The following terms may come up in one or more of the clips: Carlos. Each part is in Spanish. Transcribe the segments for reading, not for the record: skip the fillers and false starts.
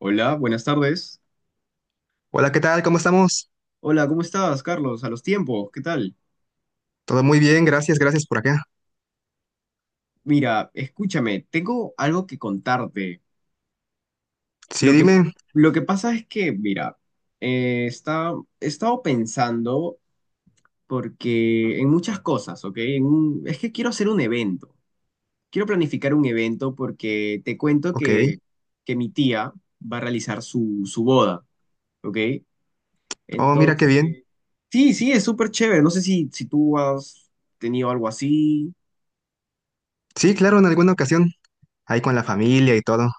Hola, buenas tardes. Hola, ¿qué tal? ¿Cómo estamos? Hola, ¿cómo estás, Carlos? A los tiempos, ¿qué tal? Todo muy bien, gracias, gracias por acá. Mira, escúchame, tengo algo que contarte. Sí, Lo que, dime. lo que pasa es que, mira, eh, está, he estado pensando porque en muchas cosas, ¿ok? En un- es que quiero hacer un evento. Quiero planificar un evento porque te cuento Ok. que mi tía va a realizar su boda, ¿ok? Oh, mira qué bien. Entonces, sí, sí, es súper chévere. No sé si tú has tenido algo así. Sí, claro, en alguna ocasión. Ahí con la familia y todo.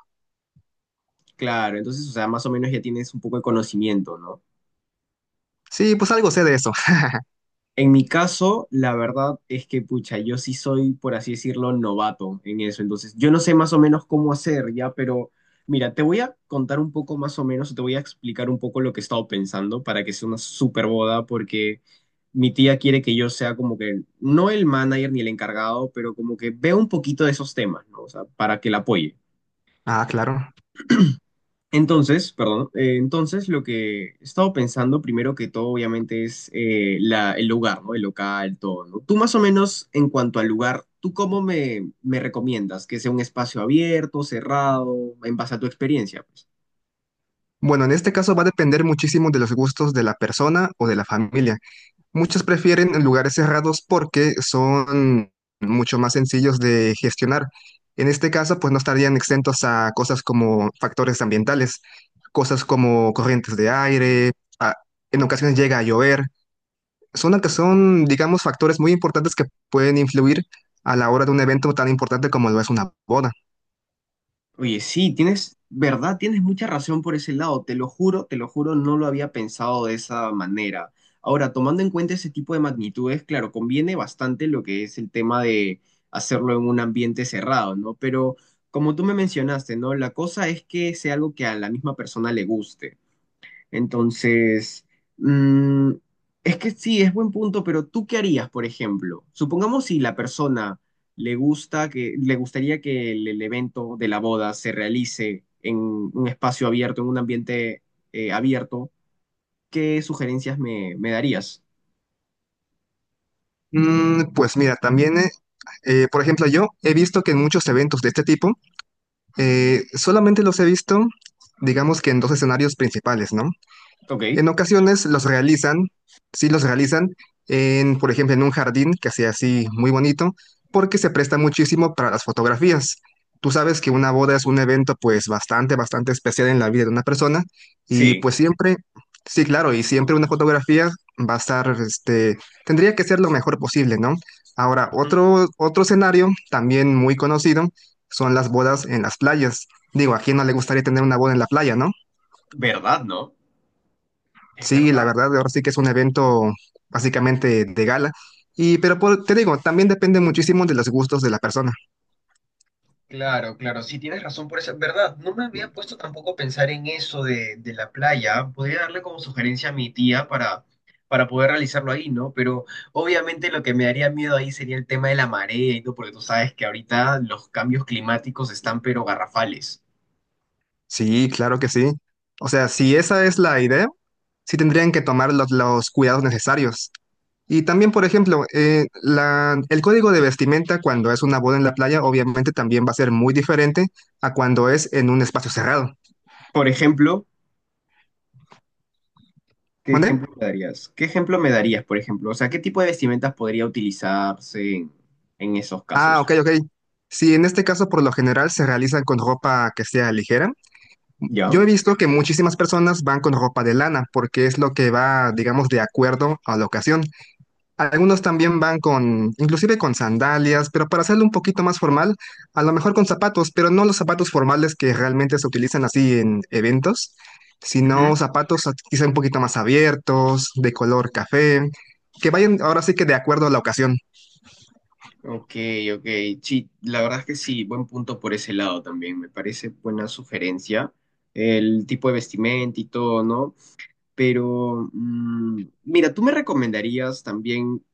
Claro, entonces, o sea, más o menos ya tienes un poco de conocimiento, ¿no? Sí, pues algo sé de eso. En mi caso, la verdad es que, pucha, yo sí soy, por así decirlo, novato en eso. Entonces, yo no sé más o menos cómo hacer ya, pero mira, te voy a contar un poco más o menos, te voy a explicar un poco lo que he estado pensando para que sea una super boda, porque mi tía quiere que yo sea como que, no el manager ni el encargado, pero como que vea un poquito de esos temas, ¿no? O sea, para que la apoye. Ah, claro. Entonces, perdón, entonces lo que he estado pensando primero que todo obviamente es la- el lugar, ¿no? El local, todo, ¿no? Tú más o menos en cuanto al lugar, ¿tú cómo me recomiendas? ¿Que sea un espacio abierto, cerrado, en base a tu experiencia, pues? Bueno, en este caso va a depender muchísimo de los gustos de la persona o de la familia. Muchos prefieren lugares cerrados porque son mucho más sencillos de gestionar. En este caso, pues no estarían exentos a cosas como factores ambientales, cosas como corrientes de aire, a- en ocasiones llega a llover. Que son, digamos, factores muy importantes que pueden influir a la hora de un evento tan importante como lo es una boda. Oye, sí, tienes, verdad, tienes mucha razón por ese lado, te lo juro, no lo había pensado de esa manera. Ahora, tomando en cuenta ese tipo de magnitudes, claro, conviene bastante lo que es el tema de hacerlo en un ambiente cerrado, ¿no? Pero como tú me mencionaste, ¿no? La cosa es que sea algo que a la misma persona le guste. Entonces, mm, es que sí, es buen punto, pero ¿tú qué harías, por ejemplo? Supongamos si la persona le gusta que, le gustaría que el evento de la boda se realice en un espacio abierto, en un ambiente abierto, ¿qué sugerencias me darías? Mm, pues mira, también, por ejemplo, yo he visto que en muchos eventos de este tipo, solamente los he visto, digamos que en dos escenarios principales, ¿no? Ok, En ocasiones los realizan, sí los realizan, en, por ejemplo, en un jardín que sea así muy bonito, porque se presta muchísimo para las fotografías. Tú sabes que una boda es un evento pues bastante, bastante especial en la vida de una persona y sí, pues siempre, sí, claro, y siempre una fotografía va a estar, este, tendría que ser lo mejor posible, ¿no? Ahora, ujú. otro escenario también muy conocido son las bodas en las playas. Digo, ¿a quién no le gustaría tener una boda en la playa, no? ¿Verdad, no? Es Sí, la verdad. verdad, ahora sí que es un evento básicamente de gala. Y, pero te digo, también depende muchísimo de los gustos de la persona. Claro, claro, sí tienes razón por eso, verdad, no me había puesto tampoco a pensar en eso de la playa, podría darle como sugerencia a mi tía para poder realizarlo ahí, ¿no? Pero obviamente lo que me daría miedo ahí sería el tema de la marea y todo, porque tú sabes que ahorita los cambios climáticos están pero garrafales. Sí, claro que sí. O sea, si esa es la idea, sí tendrían que tomar los cuidados necesarios. Y también, por ejemplo, el código de vestimenta cuando es una boda en la playa, obviamente también va a ser muy diferente a cuando es en un espacio cerrado. Por ejemplo, ¿qué ejemplo ¿Vale? me darías? ¿Qué ejemplo me darías, por ejemplo? O sea, ¿qué tipo de vestimentas podría utilizarse en esos Ah, casos? ok, ok. Sí, en este caso, por lo general se realizan con ropa que sea ligera. ¿Ya? Yo he visto que muchísimas personas van con ropa de lana porque es lo que va, digamos, de acuerdo a la ocasión. Algunos también van con, inclusive con sandalias, pero para hacerlo un poquito más formal, a lo mejor con zapatos, pero no los zapatos formales que realmente se utilizan así en eventos, Ujú. sino zapatos quizá un poquito más abiertos, de color café, que vayan ahora sí que de acuerdo a la ocasión. Ok, ok. Sí, la verdad es que sí, buen punto por ese lado también. Me parece buena sugerencia. El tipo de vestimenta y todo, ¿no? Pero, mira, ¿tú me recomendarías también,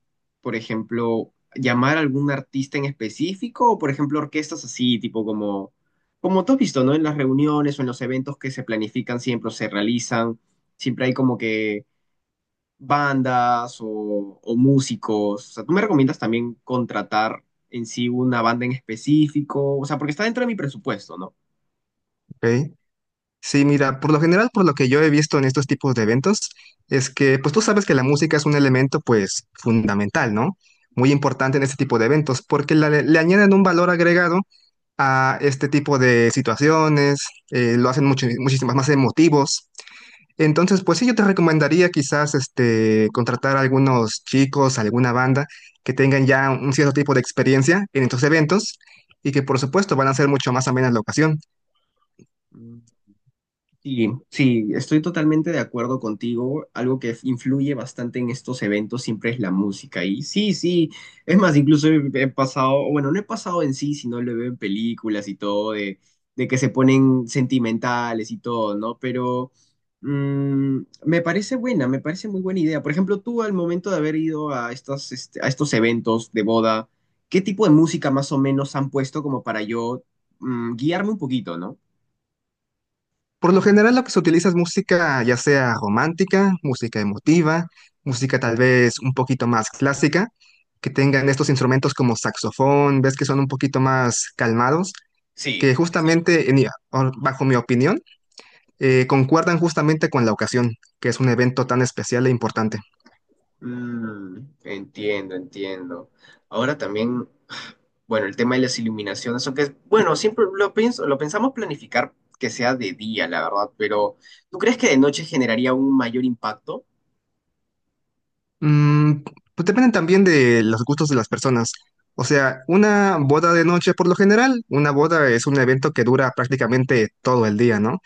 por ejemplo, llamar a algún artista en específico o, por ejemplo, orquestas así, tipo como, como tú has visto, ¿no? En las reuniones o en los eventos que se planifican siempre o se realizan, siempre hay como que bandas o músicos? O sea, ¿tú me recomiendas también contratar en sí una banda en específico? O sea, porque está dentro de mi presupuesto, ¿no? ¿Ok? Sí, mira, por lo general, por lo que yo he visto en estos tipos de eventos, es que, pues tú sabes que la música es un elemento, pues, fundamental, ¿no? Muy importante en este tipo de eventos, porque le añaden un valor agregado a este tipo de situaciones, lo hacen mucho, muchísimas más emotivos. Entonces, pues sí, yo te recomendaría quizás, este, contratar a algunos chicos, alguna banda que tengan ya un cierto tipo de experiencia en estos eventos y que, por supuesto, van a ser mucho más amenas la ocasión. Mm. Sí, sí, estoy totalmente de acuerdo contigo. Algo que influye bastante en estos eventos siempre es la música. Y sí, sí, es más, incluso he pasado, bueno, no he pasado en sí, sino lo veo en películas y todo, de que se ponen sentimentales y todo, ¿no? Pero me parece buena, me parece muy buena idea. Por ejemplo, tú al momento de haber ido a estas, este, a estos eventos de boda, ¿qué tipo de música más o menos han puesto como para yo guiarme un poquito, ¿no? Por lo general lo que se utiliza es música ya sea romántica, música emotiva, música tal vez un poquito más clásica, que tengan estos instrumentos como saxofón, ves que son un poquito más calmados, Sí. que justamente, bajo mi opinión, concuerdan justamente con la ocasión, que es un evento tan especial e importante. Mm, entiendo, entiendo. Ahora también, bueno, el tema de las iluminaciones, aunque, es- bueno, siempre lo pienso, lo pensamos planificar que sea de día, la verdad, pero ¿tú crees que de noche generaría un mayor impacto? Mm, pues dependen también de los gustos de las personas. O sea, una boda de noche por lo general, una boda es un evento que dura prácticamente todo el día, ¿no?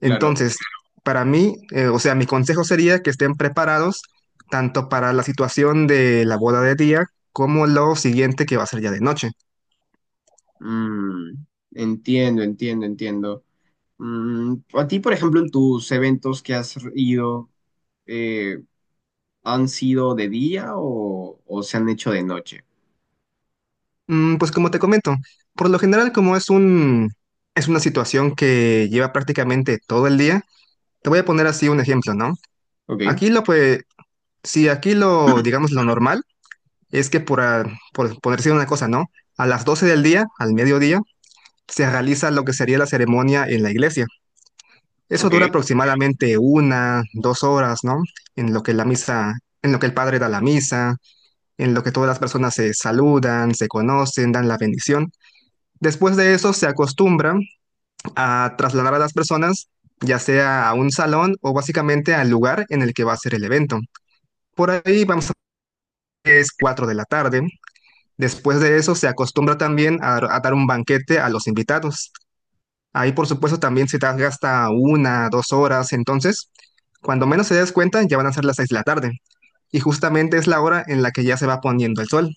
Claro. Entonces, para mí, o sea, mi consejo sería que estén preparados tanto para la situación de la boda de día como lo siguiente que va a ser ya de noche. Mm, entiendo, entiendo, entiendo. Mm, a ti, por ejemplo, en tus eventos que has ido, eh, ¿han sido de día o se han hecho de noche? Mm, pues como te comento, por lo general como es una situación que lleva prácticamente todo el día, te voy a poner así un ejemplo, ¿no? Ok, Aquí lo pues, si aquí lo, digamos, lo normal es que por decir una cosa, ¿no? A las 12 del día, al mediodía, se realiza lo que sería la ceremonia en la iglesia. Eso ok. dura aproximadamente 1, 2 horas, ¿no? En lo que la misa, en lo que el padre da la misa, en lo que todas las personas se saludan, se conocen, dan la bendición. Después de eso se acostumbra a trasladar a las personas ya sea a un salón o básicamente al lugar en el que va a ser el evento. Por ahí vamos a que es 4 de la tarde. Después de eso se acostumbra también a dar un banquete a los invitados. Ahí, por supuesto, también se te gasta 1, 2 horas. Entonces, cuando menos se des cuenta, ya van a ser las 6 de la tarde. Y justamente es la hora en la que ya se va poniendo el sol.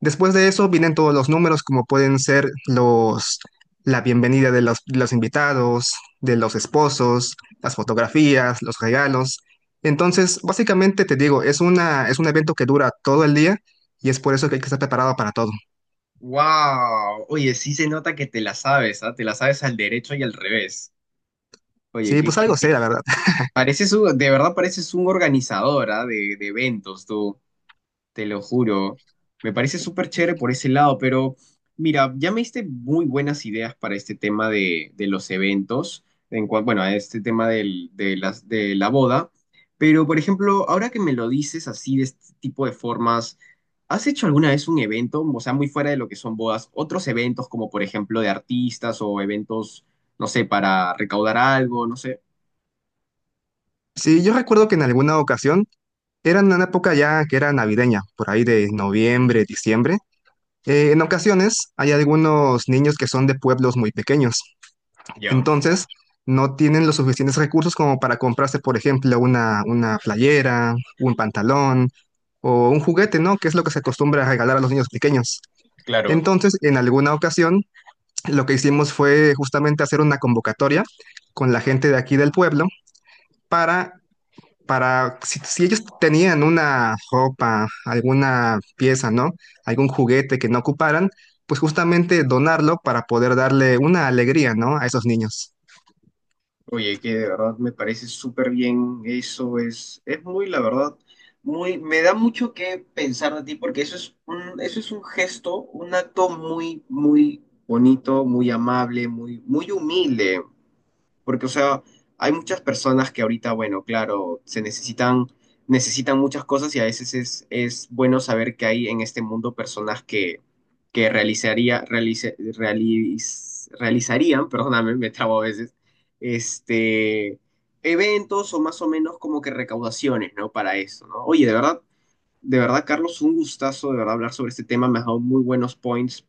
Después de eso vienen todos los números, como pueden ser los, la bienvenida de los invitados, de los esposos, las fotografías, los regalos. Entonces, básicamente te digo, es una, es un evento que dura todo el día y es por eso que hay que estar preparado para todo. Wow, oye, sí se nota que te la sabes, ¿ah? Te la sabes al derecho y al revés. Oye, Sí, qué, pues qué algo sé, la bien. verdad. Pareces un- de verdad pareces un organizador, ¿ah? De eventos, tú. Te lo juro. Me parece súper chévere por ese lado, pero mira, ya me diste muy buenas ideas para este tema de los eventos, en cua- bueno, a este tema del- de, las, de la boda, pero por ejemplo, ahora que me lo dices así de este tipo de formas, ¿has hecho alguna vez un evento, o sea, muy fuera de lo que son bodas, otros eventos como por ejemplo de artistas o eventos, no sé, para recaudar algo, no sé? Sí, yo recuerdo que en alguna ocasión. Era en una época ya que era navideña, por ahí de noviembre, diciembre. En ocasiones hay algunos niños que son de pueblos muy pequeños, Ya, entonces no tienen los suficientes recursos como para comprarse, por ejemplo, una playera, un pantalón o un juguete, ¿no? Que es lo que se acostumbra a regalar a los niños pequeños. claro. Entonces, en alguna ocasión, lo que hicimos fue justamente hacer una convocatoria con la gente de aquí del pueblo para para, si ellos tenían una ropa, alguna pieza, ¿no? Algún juguete que no ocuparan, pues justamente donarlo para poder darle una alegría, ¿no? A esos niños. Oye, que de verdad me parece súper bien. Eso es muy, la verdad, muy, me da mucho que pensar de ti porque eso es un gesto, un acto muy, muy bonito, muy amable, muy, muy humilde. Porque, o sea, hay muchas personas que ahorita, bueno, claro, se necesitan, necesitan muchas cosas y a veces es bueno saber que hay en este mundo personas que realizaría, realice- realiz- realizarían, perdóname, me trabo a veces, este, eventos o más o menos como que recaudaciones, ¿no? Para eso, ¿no? Oye, de verdad, Carlos, un gustazo, de verdad, hablar sobre este tema, me ha dado muy buenos points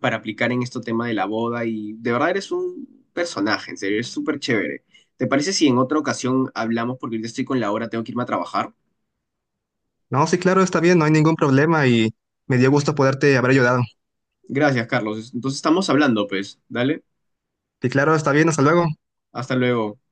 para aplicar en este tema de la boda y de verdad eres un personaje, en serio, eres súper chévere. ¿Te parece si en otra ocasión hablamos? Porque ahorita estoy con la hora, tengo que irme a trabajar. No, sí, claro, está bien, no hay ningún problema y me dio gusto poderte haber ayudado. Gracias, Carlos. Entonces estamos hablando, pues. Dale, Sí, claro, está bien, hasta luego. hasta luego.